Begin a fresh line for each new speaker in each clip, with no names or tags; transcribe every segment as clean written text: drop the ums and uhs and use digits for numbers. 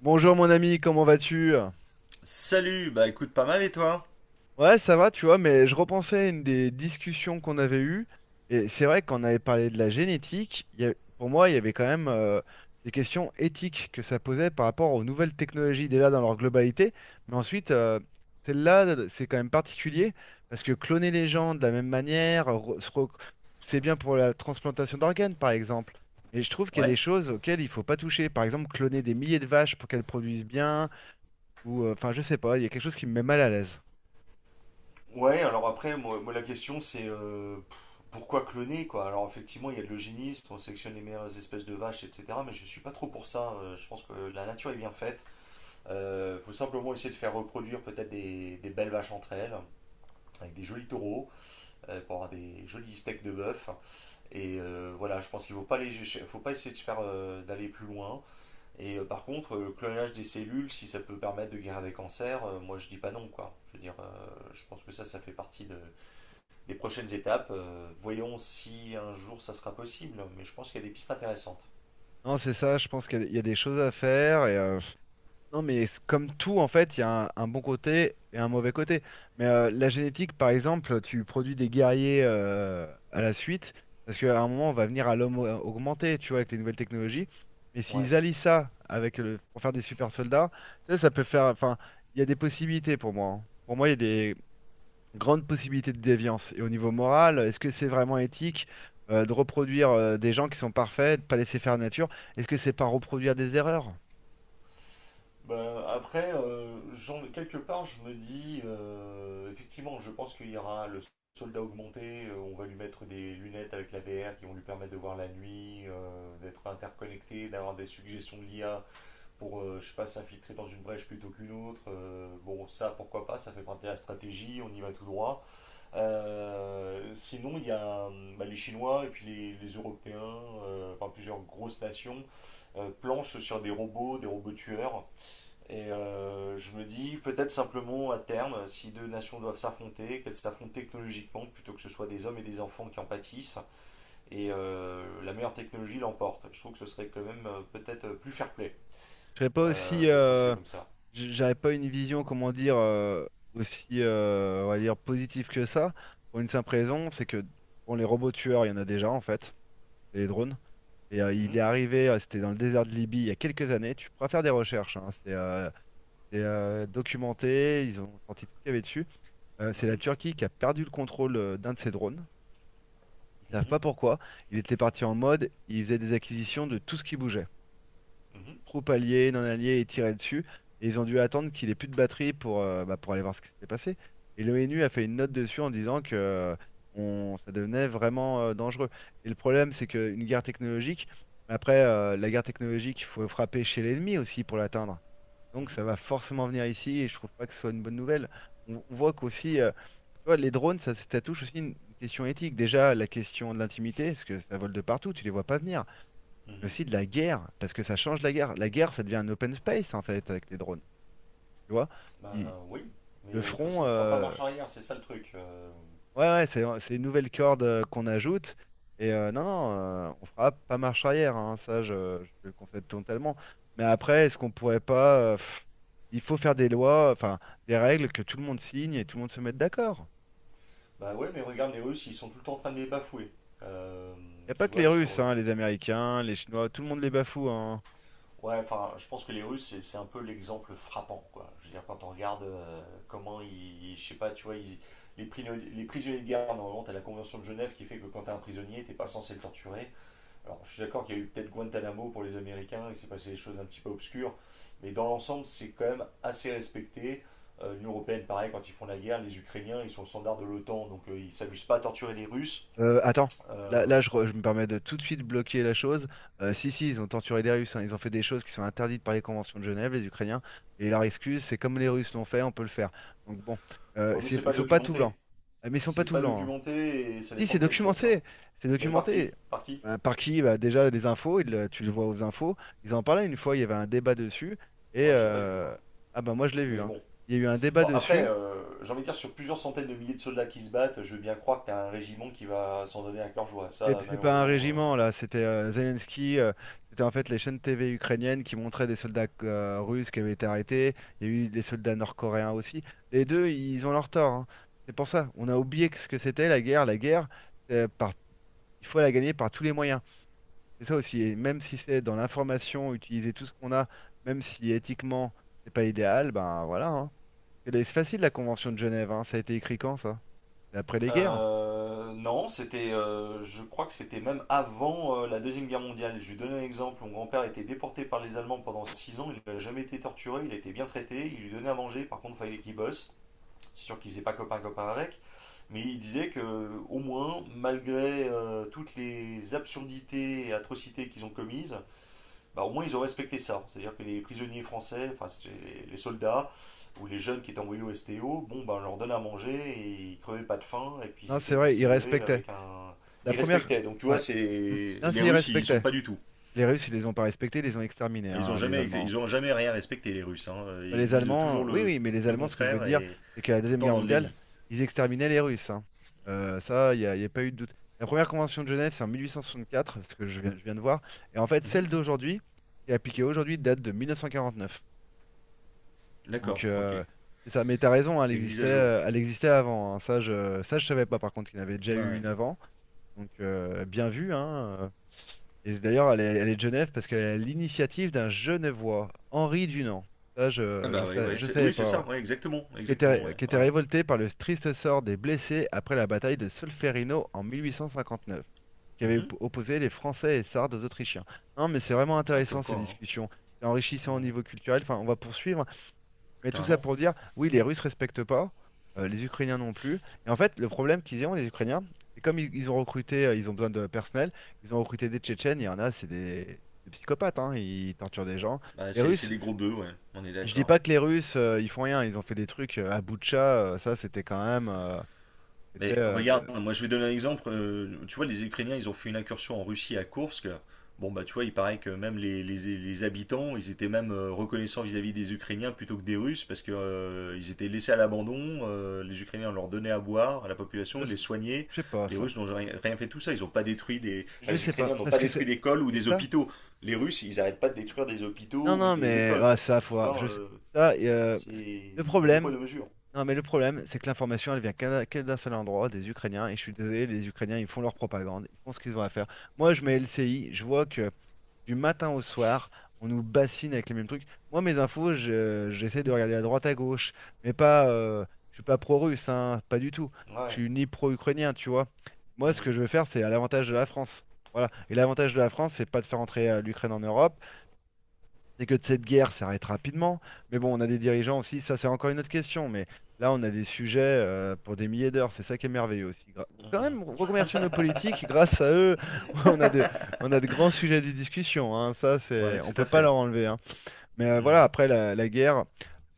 Bonjour mon ami, comment vas-tu?
Salut, bah écoute pas mal et toi?
Ouais, ça va, tu vois, mais je repensais à une des discussions qu'on avait eues, et c'est vrai qu'on avait parlé de la génétique, pour moi, il y avait quand même des questions éthiques que ça posait par rapport aux nouvelles technologies déjà dans leur globalité, mais ensuite, celle-là, c'est quand même particulier, parce que cloner les gens de la même manière, c'est bien pour la transplantation d'organes, par exemple, mais je trouve qu'il y a des
Ouais?
choses auxquelles il faut pas toucher, par exemple, cloner des milliers de vaches pour qu'elles produisent bien. Ou enfin, je sais pas, il y a quelque chose qui me met mal à l'aise.
Ouais, alors après, moi, la question c'est pourquoi cloner quoi? Alors effectivement, il y a de l'eugénisme, on sélectionne les meilleures espèces de vaches, etc. Mais je suis pas trop pour ça. Je pense que la nature est bien faite. Faut simplement essayer de faire reproduire peut-être des belles vaches entre elles, avec des jolis taureaux, pour avoir des jolis steaks de bœuf. Voilà, je pense qu'il faut pas faut pas essayer de faire d'aller plus loin. Et par contre, le clonage des cellules, si ça peut permettre de guérir des cancers, moi je dis pas non quoi. Je veux dire, je pense que ça fait partie des prochaines étapes. Voyons si un jour ça sera possible, mais je pense qu'il y a des pistes intéressantes.
Non, c'est ça, je pense qu'il y a des choses à faire. Et, non, mais c'est comme tout, en fait, il y a un bon côté et un mauvais côté. Mais la génétique, par exemple, tu produis des guerriers à la suite, parce qu'à un moment, on va venir à l'homme augmenté, tu vois, avec les nouvelles technologies. Mais
Ouais.
s'ils allient ça avec le, pour faire des super soldats, ça peut faire. Enfin, il y a des possibilités pour moi, hein. Pour moi, il y a des, grande possibilité de déviance. Et au niveau moral, est-ce que c'est vraiment éthique de reproduire des gens qui sont parfaits, de pas laisser faire la nature? Est-ce que c'est pas reproduire des erreurs?
Ben, après, quelque part, je me dis, effectivement, je pense qu'il y aura le soldat augmenté, on va lui mettre des lunettes avec la VR qui vont lui permettre de voir la nuit, d'être interconnecté, d'avoir des suggestions de l'IA pour, je sais pas, s'infiltrer dans une brèche plutôt qu'une autre. Bon, ça, pourquoi pas, ça fait partie de la stratégie, on y va tout droit. Sinon, il y a bah, les Chinois et puis les Européens, enfin plusieurs grosses nations, planchent sur des robots tueurs. Et je me dis, peut-être simplement à terme, si deux nations doivent s'affronter, qu'elles s'affrontent technologiquement plutôt que ce soit des hommes et des enfants qui en pâtissent, et la meilleure technologie l'emporte. Je trouve que ce serait quand même peut-être plus fair-play
Je serais pas aussi,
de procéder comme ça.
j'avais pas une vision, comment dire, aussi, on va dire, positive que ça. Pour une simple raison, c'est que bon, les robots tueurs, il y en a déjà en fait, c'est les drones. Et il
Mhm,
est arrivé, c'était dans le désert de Libye il y a quelques années. Tu pourras faire des recherches, hein. C'est documenté, ils ont sorti tout ce qu'il y avait dessus. C'est la
mhm,
Turquie qui a perdu le contrôle d'un de ses drones. Ils savent
mhm,
pas pourquoi. Ils étaient partis en mode, ils faisaient des acquisitions de tout ce qui bougeait.
mhm,
Troupes alliées, non alliées, et tiraient dessus. Et ils ont dû attendre qu'il ait plus de batterie pour, bah, pour aller voir ce qui s'était passé. Et l'ONU a fait une note dessus en disant que ça devenait vraiment dangereux. Et le problème, c'est qu'une guerre technologique, après, la guerre technologique, il faut frapper chez l'ennemi aussi pour l'atteindre. Donc
mhm,
ça va forcément venir ici et je trouve pas que ce soit une bonne nouvelle. On voit qu'aussi, tu vois, les drones, ça touche aussi une question éthique. Déjà, la question de l'intimité, parce que ça vole de partout, tu les vois pas venir. Mais
mhm.
aussi de la guerre, parce que ça change la guerre. La guerre, ça devient un open space, en fait, avec les drones. Tu vois?
Bah
Il-
oui, mais
le
de toute façon
front,
on fera pas marche arrière, c'est ça le truc.
ouais, ouais, c'est une nouvelle corde qu'on ajoute. Et non, non, on fera pas marche arrière, hein, ça, je te le concède totalement. Mais après, est-ce qu'on pourrait pas, il faut faire des lois, enfin, des règles que tout le monde signe et tout le monde se mette d'accord.
Bah ouais, mais regarde les Russes, ils sont tout le temps en train de les bafouer. Euh,
Il n'y a pas
tu
que
vois,
les
sur...
Russes,
euh,
hein, les Américains, les Chinois, tout le monde les bafoue, hein.
Ouais, enfin, je pense que les Russes, c'est un peu l'exemple frappant, quoi. Je veux dire, quand on regarde comment ils... Je sais pas, tu vois, les prisonniers de guerre, normalement, t'as la Convention de Genève qui fait que quand t'es un prisonnier, t'es pas censé le torturer. Alors, je suis d'accord qu'il y a eu peut-être Guantanamo pour les Américains, il s'est passé des choses un petit peu obscures, mais dans l'ensemble, c'est quand même assez respecté. L'Union européenne, pareil, quand ils font la guerre, les Ukrainiens, ils sont au standard de l'OTAN, donc ils ne s'amusent pas à torturer les Russes.
Attends, là,
Euh,
là, je me permets de tout de suite bloquer la chose. Si, si, ils ont torturé des Russes, hein, ils ont fait des choses qui sont interdites par les conventions de Genève, les Ukrainiens, et leur excuse, c'est comme les Russes l'ont fait, on peut le faire. Donc bon,
ouais, mais c'est
ils
pas
sont pas tout blancs.
documenté.
Ah, mais ils sont pas
C'est
tout
pas
blancs, hein.
documenté et ça
Si,
dépend
c'est
de quelle source, hein.
documenté, c'est
Mais par qui?
documenté.
Par qui?
Bah, par qui? Bah, déjà, les infos, tu le vois aux infos, ils en parlaient une fois, il y avait un débat dessus. et...
Moi, j'ai pas vu,
euh,
moi.
Ah bah moi je l'ai vu,
Mais
hein.
bon.
Il y a eu un débat
Bon, après,
dessus.
j'ai envie de dire, sur plusieurs centaines de milliers de soldats qui se battent, je veux bien croire que t'as un régiment qui va s'en donner à cœur joie.
C'est
Ça,
c'est pas un
malheureusement, euh...
régiment là, c'était Zelensky, c'était en fait les chaînes TV ukrainiennes qui montraient des soldats russes qui avaient été arrêtés, il y a eu des soldats nord-coréens aussi. Les deux, ils ont leur tort, hein. C'est pour ça, on a oublié que ce que c'était la guerre. La guerre, c'est par... il faut la gagner par tous les moyens. C'est ça aussi, et même si c'est dans l'information, utiliser tout ce qu'on a, même si éthiquement c'est pas idéal, ben voilà, hein. C'est facile la Convention de Genève, hein. Ça a été écrit quand ça? C'est après les guerres.
Non, c'était, je crois que c'était même avant la Deuxième Guerre mondiale. Je lui donne un exemple. Mon grand-père a été déporté par les Allemands pendant 6 ans. Il n'a jamais été torturé, il a été bien traité. Il lui donnait à manger, par contre, il fallait qu'il bosse. C'est sûr qu'il faisait pas copain-copain avec. Mais il disait que, au moins, malgré toutes les absurdités et atrocités qu'ils ont commises, bah, au moins ils ont respecté ça. C'est-à-dire que les prisonniers français, enfin c'était les soldats ou les jeunes qui étaient envoyés au STO, bon, bah, on leur donnait à manger et ils crevaient pas de faim et puis
Non,
ils
c'est
étaient
vrai, ils
considérés
respectaient.
avec un.
La
Ils
première.
respectaient. Donc tu vois,
Ouais.
c'est
Mm. Non,
les
ça, ils
Russes, ils y sont
respectaient.
pas du tout.
Les Russes, ils les ont pas respectés, ils les ont exterminés,
Enfin,
hein, les Allemands.
ils ont jamais rien respecté les Russes, hein.
Bah,
Ils
les
disent toujours
Allemands, oui, oui, mais les
le
Allemands, ce que je veux
contraire
dire,
et
c'est qu'à la
tout le
Deuxième
temps
Guerre
dans le déni.
mondiale, ils exterminaient les Russes, hein. Ça, il n'y a pas eu de doute. La première convention de Genève, c'est en 1864, ce que je viens de voir. Et en fait,
Mhm.
celle d'aujourd'hui, qui est appliquée aujourd'hui, date de 1949. Donc,
D'accord, ok. Il
c'est ça. Mais t'as raison, hein,
y a une mise à jour.
elle existait avant, hein. Ça, je savais pas, par contre, qu'il y en avait déjà eu
Ouais.
une avant. Donc, bien vu, hein. Et d'ailleurs, elle est de Genève parce qu'elle est à l'initiative d'un Genevois, Henri Dunant. Ça,
Ah
je, je
bah ouais,
sais,
ouais,
je savais
oui, c'est
pas, ouais.
ça, ouais, exactement,
Qui
exactement,
était,
ouais,
qui était
ouais.
révolté par le triste sort des blessés après la bataille de Solferino en 1859, qui avait
Mhm.
opposé les Français et Sardes aux Autrichiens. Non, mais c'est vraiment
Ah,
intéressant
comme
ces
quoi, hein.
discussions. C'est enrichissant au
Ouais,
niveau culturel. Enfin, on va poursuivre. Mais tout ça
carrément.
pour dire, oui, les Russes respectent pas, les Ukrainiens non plus. Et en fait, le problème qu'ils ont, les Ukrainiens, c'est comme ils ont recruté, ils ont besoin de personnel, ils ont recruté des Tchétchènes, il y en a, c'est des psychopathes, hein, ils torturent des gens.
Bah,
Les
c'est
Russes,
des gros bœufs, ouais, on est
je dis pas
d'accord.
que les Russes, ils font rien, ils ont fait des trucs à Boutcha, ça c'était quand même, c'était,
Mais
euh,
regarde,
le-
moi je vais donner un exemple. Tu vois, les Ukrainiens, ils ont fait une incursion en Russie à Koursk. Bon, bah tu vois, il paraît que même les habitants, ils étaient même reconnaissants vis-à-vis des Ukrainiens plutôt que des Russes parce que ils étaient laissés à l'abandon. Les Ukrainiens leur donnaient à boire à la
je,
population, ils
sais
les soignaient.
je sais pas
Les
ça,
Russes n'ont rien fait de tout ça. Ils n'ont pas détruit des... enfin,
je
les
sais pas,
Ukrainiens n'ont
parce
pas
que
détruit
c'est,
d'écoles ou
et
des
ça,
hôpitaux. Les Russes, ils n'arrêtent pas de détruire des
non
hôpitaux ou
non
des
mais
écoles.
ah, ça faut,
Tu
ah,
vois,
ça,
c'est...
le
Il y a deux poids,
problème.
deux mesures.
Non, mais le problème, c'est que l'information, elle vient que d'un seul endroit, des Ukrainiens. Et je suis désolé, les Ukrainiens, ils font leur propagande, ils font ce qu'ils ont à faire. Moi, je mets LCI, je vois que du matin au soir, on nous bassine avec les mêmes trucs. Moi, mes infos, j'essaie de regarder à droite, à gauche, mais pas, je suis pas pro-russe, hein, pas du tout. Je
Ouais.
suis ni pro-ukrainien, tu vois. Moi, ce
Mm,
que je veux faire, c'est à l'avantage de la France. Voilà. Et l'avantage de la France, c'est pas de faire entrer l'Ukraine en Europe, c'est que cette guerre s'arrête rapidement. Mais bon, on a des dirigeants aussi, ça c'est encore une autre question. Mais là, on a des sujets pour des milliers d'heures, c'est ça qui est merveilleux aussi. Bon, quand
mm.
même, remercier nos politiques, grâce à eux, on a de, on a de, grands sujets de discussion, hein. Ça, c'est,
Ouais,
on
tout
peut
à
pas leur
fait.
enlever, hein. Mais voilà,
Mm,
après la guerre,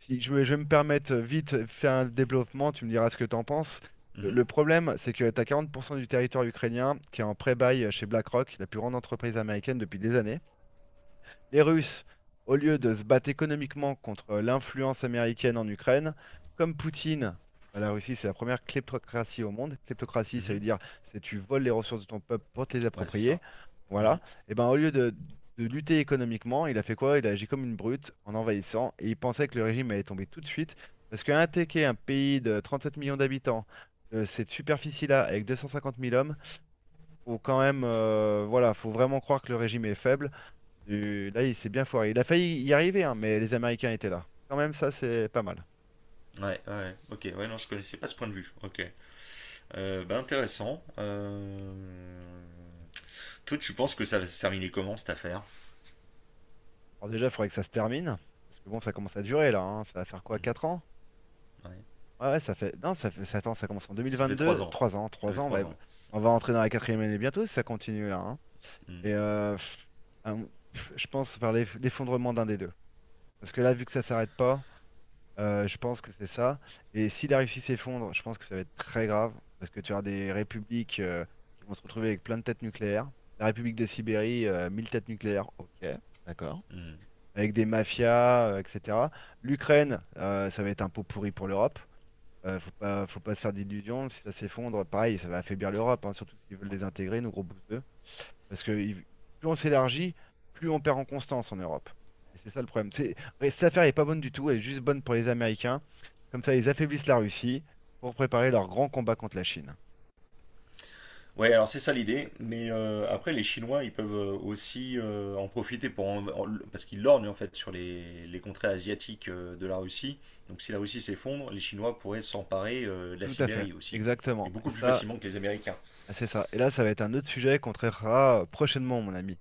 si je vais me permettre vite de faire un développement, tu me diras ce que tu en penses. Le
mhm,
le problème, c'est que tu as 40% du territoire ukrainien qui est en pré-bail chez BlackRock, la plus grande entreprise américaine depuis des années. Les Russes, au lieu de se battre économiquement contre l'influence américaine en Ukraine, comme Poutine, bah, la Russie, c'est la première kleptocratie au monde. Kleptocratie, ça veut
mhm.
dire c'est tu voles les ressources de ton peuple pour te les
Ouais, c'est
approprier.
ça.
Voilà.
Mhm.
Et ben au lieu de lutter économiquement, il a fait quoi? Il a agi comme une brute en envahissant et il pensait que le régime allait tomber tout de suite. Parce qu'attaquer un pays de 37 millions d'habitants, de cette superficie-là, avec 250 000 hommes, faut quand même, voilà, faut vraiment croire que le régime est faible. Là, il s'est bien foiré. Il a failli y arriver, hein, mais les Américains étaient là. Quand même, ça, c'est pas mal.
Ouais, ouais, ok, ouais, non, je connaissais pas ce point de vue. Ok, bah, intéressant. Toi, tu penses que ça va se terminer comment cette affaire?
Alors déjà, il faudrait que ça se termine. Parce que bon, ça commence à durer là, hein. Ça va faire quoi,
Mhm,
4 ans?
ouais.
Ouais, ouais, ça fait. Non, ça fait. Attends, ça commence en
Ça fait trois
2022.
ans.
3 ans,
Ça fait
3 ans, ouais.
trois ans.
On va entrer dans la quatrième année bientôt si ça continue là, hein.
Mhm,
Et un- je pense par l'effondrement d'un des deux. Parce que là, vu que ça s'arrête pas. Je pense que c'est ça. Et si la Russie s'effondre, je pense que ça va être très grave, parce que tu auras des républiques qui vont se retrouver avec plein de têtes nucléaires. La République de Sibérie, 1000 têtes nucléaires, ok, d'accord.
mhm.
Avec des mafias, etc. L'Ukraine, ça va être un pot pourri pour l'Europe. Faut pas, faut pas se faire d'illusions. Si ça s'effondre, pareil, ça va affaiblir l'Europe, hein, surtout s'ils veulent les intégrer, nos gros bouses. Parce que plus on s'élargit, plus on perd en constance en Europe. Et c'est ça le problème. Et cette affaire n'est pas bonne du tout, elle est juste bonne pour les Américains. Comme ça, ils affaiblissent la Russie pour préparer leur grand combat contre la Chine.
Ouais, alors c'est ça l'idée, mais après les Chinois, ils peuvent aussi en profiter pour parce qu'ils lorgnent en fait sur les contrées asiatiques de la Russie. Donc si la Russie s'effondre, les Chinois pourraient s'emparer de la
Tout à fait,
Sibérie aussi, et
exactement. Et
beaucoup plus
ça,
facilement que les Américains.
ah, c'est ça. Et là, ça va être un autre sujet qu'on traitera prochainement, mon ami.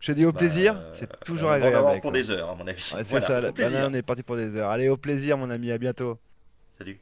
Je te dis au
Bah,
plaisir, c'est
on
toujours
en va en
agréable
avoir
avec
pour
toi.
des heures à mon avis.
Ouais, c'est
Voilà,
ça,
au
bah là,
plaisir.
on est parti pour des heures. Allez, au plaisir, mon ami, à bientôt.
Salut.